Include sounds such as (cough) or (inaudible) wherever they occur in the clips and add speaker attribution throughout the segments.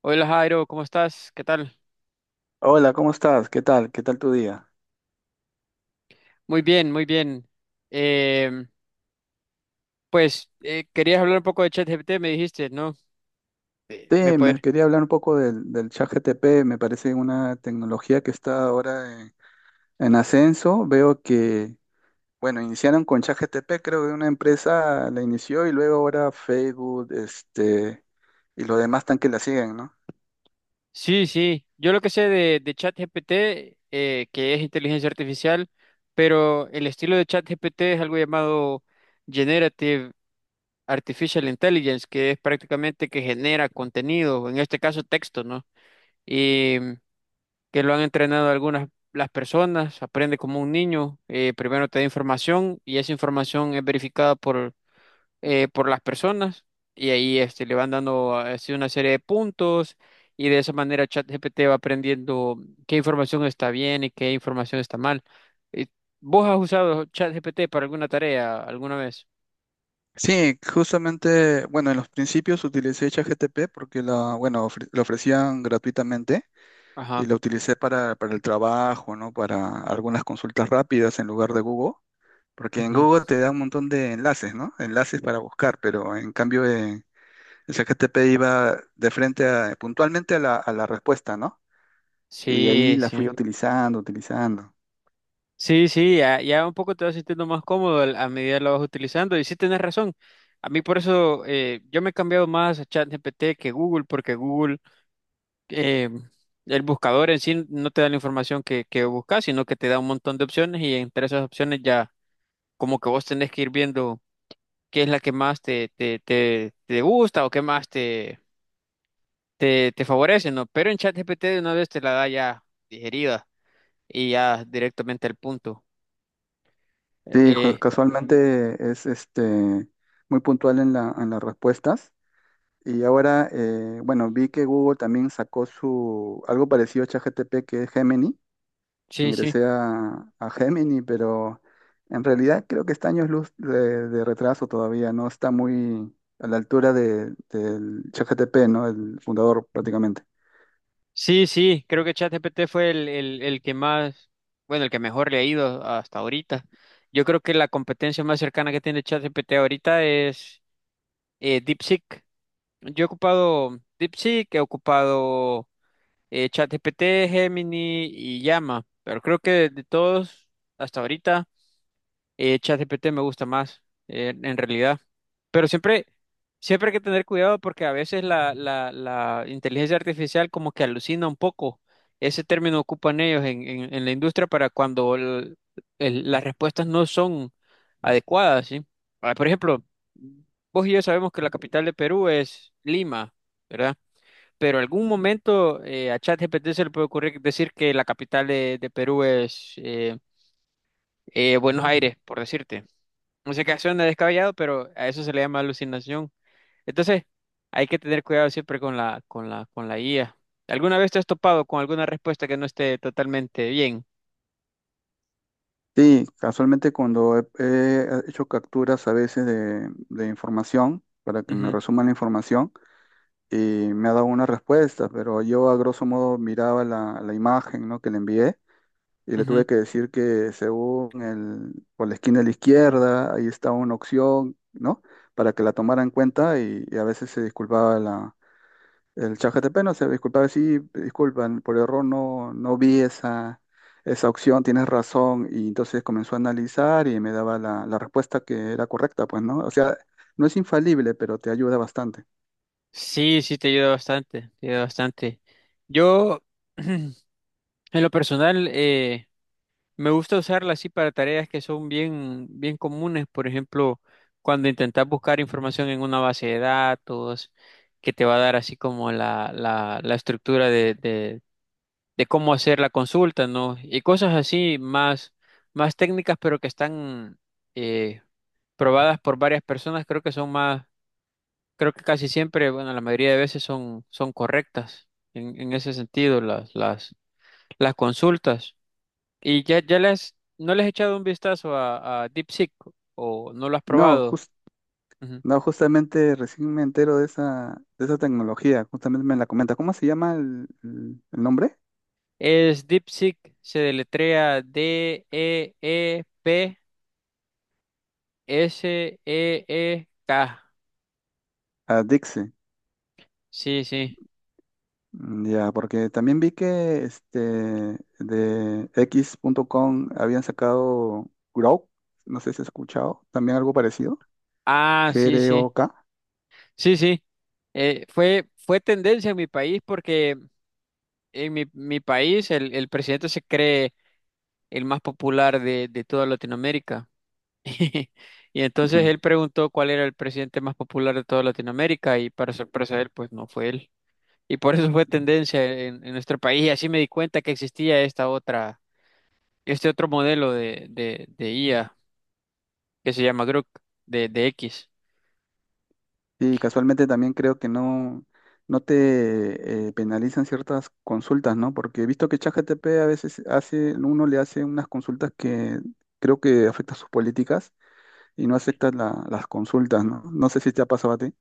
Speaker 1: Hola Jairo, ¿cómo estás? ¿Qué tal?
Speaker 2: Hola, ¿cómo estás? ¿Qué tal? ¿Qué tal tu día?
Speaker 1: Muy bien, muy bien. Em, pues querías hablar un poco de ChatGPT, me dijiste, ¿no? ¿Me
Speaker 2: Sí, me
Speaker 1: poder?
Speaker 2: quería hablar un poco del ChatGPT. Me parece una tecnología que está ahora en ascenso. Veo que, bueno, iniciaron con ChatGPT. Creo que una empresa la inició y luego ahora Facebook, y los demás tan que la siguen, ¿no?
Speaker 1: Sí, sí. Yo lo que sé de ChatGPT, que es inteligencia artificial, pero el estilo de ChatGPT es algo llamado Generative Artificial Intelligence, que es prácticamente que genera contenido, en este caso texto, ¿no? Que lo han entrenado algunas las personas, aprende como un niño. Primero te da información y esa información es verificada por las personas, y ahí le van dando así una serie de puntos, y de esa manera ChatGPT va aprendiendo qué información está bien y qué información está mal. Eh, ¿Vos has usado ChatGPT para alguna tarea alguna vez?
Speaker 2: Sí, justamente, bueno, en los principios utilicé ChatGPT porque bueno, lo ofrecían gratuitamente,
Speaker 1: Ajá.
Speaker 2: y lo utilicé para el trabajo, ¿no? Para algunas consultas rápidas en lugar de Google. Porque en
Speaker 1: Ujú.
Speaker 2: Google te da un montón de enlaces, ¿no? Enlaces para buscar, pero en cambio en el ChatGPT iba de frente puntualmente a la respuesta, ¿no? Y ahí
Speaker 1: Sí,
Speaker 2: la fui
Speaker 1: sí.
Speaker 2: utilizando, utilizando.
Speaker 1: Sí, sí, ya, ya un poco te vas sintiendo más cómodo a medida que lo vas utilizando. Y sí, tienes razón. A mí por eso yo me he cambiado más a ChatGPT que Google, porque Google, eh, el buscador en sí no te da la información que buscas, sino que te da un montón de opciones, y entre esas opciones ya como que vos tenés que ir viendo qué es la que más te gusta, o qué más te favorece, ¿no? Pero en ChatGPT de una vez te la da ya digerida y ya directamente al punto.
Speaker 2: Sí,
Speaker 1: Eh,
Speaker 2: casualmente es muy puntual en las respuestas. Y ahora, bueno, vi que Google también sacó su algo parecido a ChatGPT, que es Gemini.
Speaker 1: Sí, sí,
Speaker 2: Ingresé a Gemini, pero en realidad creo que está años luz de retraso todavía. No está muy a la altura del ChatGPT, ¿no? El fundador prácticamente.
Speaker 1: sí, sí, creo que ChatGPT fue el que más, bueno, el que mejor le ha ido hasta ahorita. Yo creo que la competencia más cercana que tiene ChatGPT ahorita es DeepSeek. Yo he ocupado DeepSeek, he ocupado ChatGPT, Gemini y Llama, pero creo que de, todos, hasta ahorita, ChatGPT me gusta más, en realidad. Pero siempre, siempre hay que tener cuidado porque a veces la, inteligencia artificial como que alucina un poco. Ese término ocupan ellos en la industria para cuando las respuestas no son adecuadas, ¿sí? Ah, por ejemplo, vos y yo sabemos que la capital de Perú es Lima, ¿verdad? Pero algún momento, a ChatGPT se le puede ocurrir decir que la capital de, Perú es Buenos Aires, por decirte música, que suena descabellado, pero a eso se le llama alucinación. Entonces, hay que tener cuidado siempre con la IA. ¿Alguna vez te has topado con alguna respuesta que no esté totalmente bien?
Speaker 2: Sí, casualmente cuando he hecho capturas a veces de información para que me
Speaker 1: Ujú,
Speaker 2: resuman la información, y me ha dado una respuesta, pero yo a grosso modo miraba la imagen, ¿no?, que le envié, y le
Speaker 1: ujú.
Speaker 2: tuve que decir que según por la esquina de la izquierda, ahí está una opción, ¿no? Para que la tomara en cuenta. Y a veces se disculpaba el chat GTP. No se disculpaba, sí, disculpan, por error, no vi esa opción, tienes razón, y entonces comenzó a analizar y me daba la respuesta que era correcta, pues, ¿no? O sea, no es infalible, pero te ayuda bastante.
Speaker 1: Sí, sí, te ayuda bastante, te ayuda bastante. Yo, (clears throat) en lo personal, me gusta usarla así para tareas que son bien, bien comunes. Por ejemplo, cuando intentas buscar información en una base de datos, que te va a dar así como la, estructura de cómo hacer la consulta, ¿no? Y cosas así más, más técnicas, pero que están eh, probadas por varias personas. Creo que son más, creo que casi siempre, bueno, la mayoría de veces, son, correctas en ese sentido, las consultas. Y ya, ya les, no les he echado un vistazo a DeepSeek, o no lo has
Speaker 2: No,
Speaker 1: probado. Ujú.
Speaker 2: Justamente recién me entero de esa tecnología. Justamente me la comenta. ¿Cómo se llama el nombre?
Speaker 1: Es DeepSeek, se deletrea DeepSeek.
Speaker 2: A Dixie.
Speaker 1: Sí, sí.
Speaker 2: Mm. Ya, porque también vi que de X.com habían sacado Grok, no sé si has escuchado, también algo parecido,
Speaker 1: Ah, sí, sí,
Speaker 2: Grok.
Speaker 1: sí, sí. Fue, tendencia en mi país, porque en mi, país el presidente se cree el más popular de toda Latinoamérica. (laughs) Y
Speaker 2: Ujú.
Speaker 1: entonces él preguntó cuál era el presidente más popular de toda Latinoamérica, y para sorpresa de él, pues no fue él. Y por eso fue tendencia en, nuestro país, y así me di cuenta que existía esta otra, este otro modelo de, IA que se llama Grok, de X.
Speaker 2: Y casualmente también creo que no te penalizan ciertas consultas, ¿no? Porque he visto que ChatGPT a veces uno le hace unas consultas que creo que afectan sus políticas, y no aceptan las consultas, ¿no? No sé si te ha pasado a ti.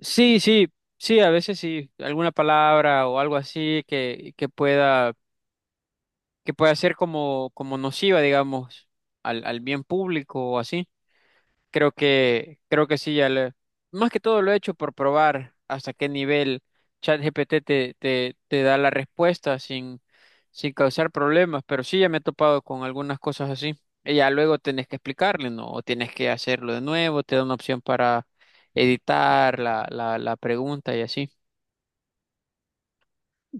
Speaker 1: Sí, sí, sí, a veces sí, alguna palabra o algo así que, que pueda ser como, nociva, digamos, al bien público o así. Creo que sí, más que todo lo he hecho por probar hasta qué nivel ChatGPT te da la respuesta sin, causar problemas, pero sí, ya me he topado con algunas cosas así. Y ya luego tienes que explicarle, ¿no? O tienes que hacerlo de nuevo, te da una opción para editar la pregunta y así.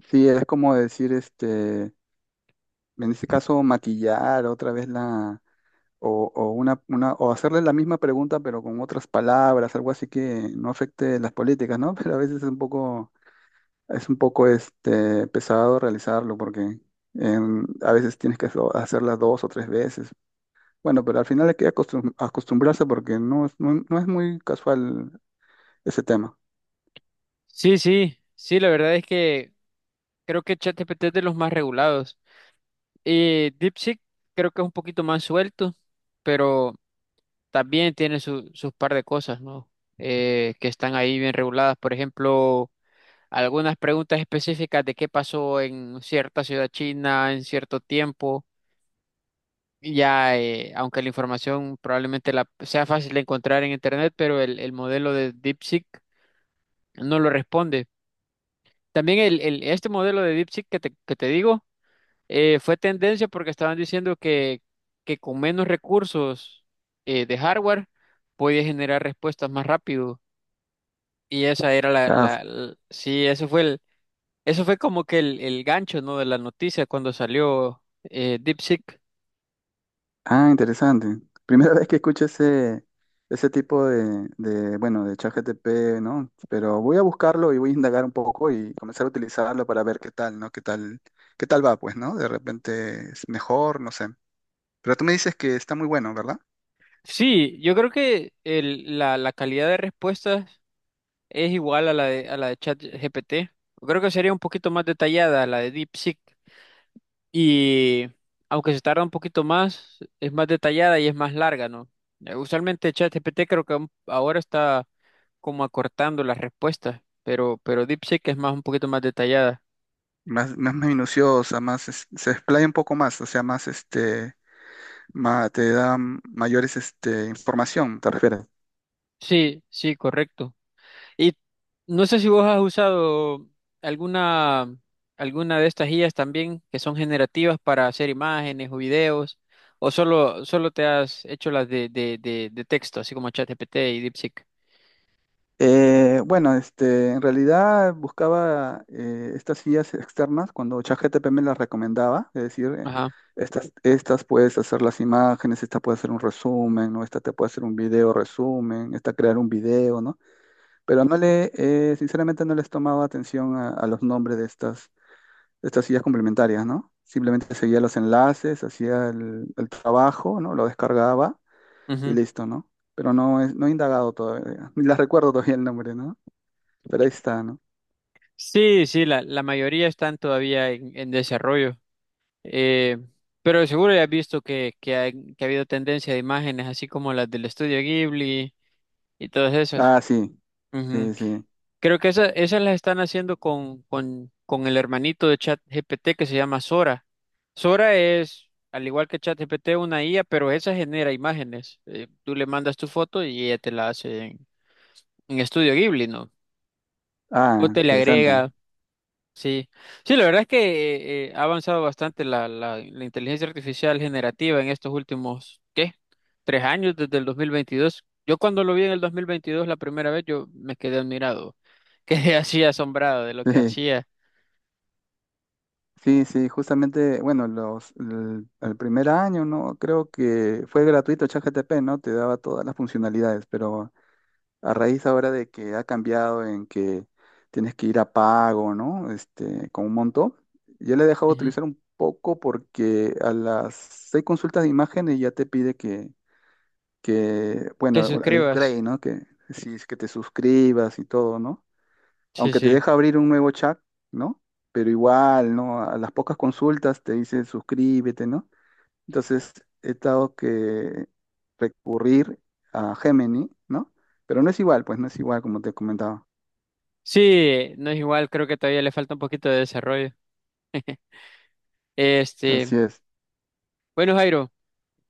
Speaker 2: Sí, es como decir, en este caso, maquillar otra vez la, o una, o hacerle la misma pregunta, pero con otras palabras, algo así que no afecte las políticas, ¿no? (laughs) Pero a veces es un poco pesado realizarlo porque a veces tienes que hacerla dos o tres veces. Bueno, pero al final hay que acostumbrarse porque no es muy casual ese tema.
Speaker 1: Sí, sí, sí, la verdad es que creo que ChatGPT es de los más regulados. Y DeepSeek creo que es un poquito más suelto, pero también tiene sus par de cosas, ¿no? Que están ahí bien reguladas. Por ejemplo, algunas preguntas específicas de qué pasó en cierta ciudad china en cierto tiempo. Y ya, aunque la información probablemente sea fácil de encontrar en Internet, pero el, modelo de DeepSeek no lo responde. También este modelo de DeepSeek que te, digo. Fue tendencia porque estaban diciendo que con menos recursos, de hardware, podía generar respuestas más rápido. Y esa era
Speaker 2: Claro.
Speaker 1: sí, eso fue como que el gancho, ¿no? De la noticia cuando salió DeepSeek.
Speaker 2: Ah, interesante. Primera (laughs) vez que escucho ese tipo bueno, de ChatGPT, ¿no? Pero voy a buscarlo y voy a indagar un poco y comenzar a utilizarlo para ver qué tal, ¿no? ¿Qué tal va, pues, no? De repente es mejor, no sé. Pero tú me dices que está muy bueno, ¿verdad?
Speaker 1: Sí, yo creo que la, calidad de respuestas es igual a la de ChatGPT. Creo que sería un poquito más detallada la de DeepSeek. Y aunque se tarda un poquito más, es más detallada y es más larga, ¿no? Usualmente ChatGPT creo que ahora está como acortando las respuestas, pero, DeepSeek es más, un poquito más detallada.
Speaker 2: Más minuciosa, más, se explaya un poco más, o sea, más, te da mayores, información, ¿te refieres?
Speaker 1: Sí, sí, correcto. Y no sé si vos has usado alguna, alguna de estas guías también que son generativas para hacer imágenes o videos, o solo te has hecho las de, texto, así como ChatGPT y DeepSeek.
Speaker 2: Bueno, en realidad buscaba estas guías externas cuando ChatGPT me las recomendaba, es decir,
Speaker 1: Ajá.
Speaker 2: estas puedes hacer las imágenes, esta puede hacer un resumen, ¿no? Esta te puede hacer un video resumen, esta crear un video, ¿no? Pero sinceramente no les tomaba atención a los nombres de estas guías complementarias, ¿no? Simplemente seguía los enlaces, hacía el trabajo, ¿no? Lo descargaba y listo, ¿no? Pero no, no he indagado todavía. (laughs) Ni las recuerdo todavía el nombre, ¿no? Pero ahí está, ¿no?
Speaker 1: Sí, sí, la, mayoría están todavía en desarrollo, eh, pero seguro ya has visto que ha habido tendencia de imágenes así como las del estudio Ghibli y todas esas.
Speaker 2: Ah, sí,
Speaker 1: Ujú.
Speaker 2: sí, sí.
Speaker 1: Creo que esas, las están haciendo con el hermanito de ChatGPT que se llama Sora. Sora es, al igual que ChatGPT, una IA, pero esa genera imágenes. Tú le mandas tu foto y ella te la hace en, estudio Ghibli, ¿no?
Speaker 2: Ah,
Speaker 1: O te le
Speaker 2: interesante.
Speaker 1: agrega. Sí, sí, la verdad es que ha avanzado bastante la inteligencia artificial generativa en estos últimos, ¿qué? 3 años, desde el 2022. Yo cuando lo vi en el 2022 la primera vez, yo me quedé admirado, (laughs) quedé así asombrado de lo que
Speaker 2: (laughs)
Speaker 1: hacía.
Speaker 2: Sí, sí, sí, justamente, bueno, el primer año, ¿no? Creo que fue gratuito ChatGPT, ¿no? Te daba todas las funcionalidades, pero a raíz ahora de que ha cambiado en que tienes que ir a pago, ¿no? Con un monto, yo le he dejado de
Speaker 1: Ujú.
Speaker 2: utilizar un poco porque a las seis consultas de imágenes ya te pide que
Speaker 1: Que
Speaker 2: bueno, al
Speaker 1: suscribas.
Speaker 2: upgrade, ¿no? Que si es que te suscribas y todo, ¿no?
Speaker 1: Sí,
Speaker 2: Aunque te
Speaker 1: sí.
Speaker 2: deja abrir un nuevo chat, ¿no? Pero igual, ¿no? A las pocas consultas te dice suscríbete, ¿no? Entonces he estado que recurrir a Gemini, ¿no? Pero no es igual, pues no es igual, como te comentaba.
Speaker 1: Sí, no es igual, creo que todavía le falta un poquito de desarrollo. Este,
Speaker 2: Así es.
Speaker 1: bueno, Jairo.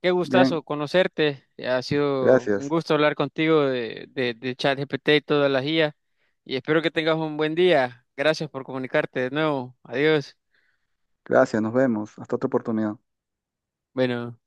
Speaker 1: Qué
Speaker 2: Bien,
Speaker 1: gustazo conocerte. Ha sido un
Speaker 2: gracias.
Speaker 1: gusto hablar contigo de, ChatGPT y todas las IA. Y espero que tengas un buen día. Gracias por comunicarte de nuevo. Adiós.
Speaker 2: Gracias, nos vemos. Hasta otra oportunidad.
Speaker 1: Bueno.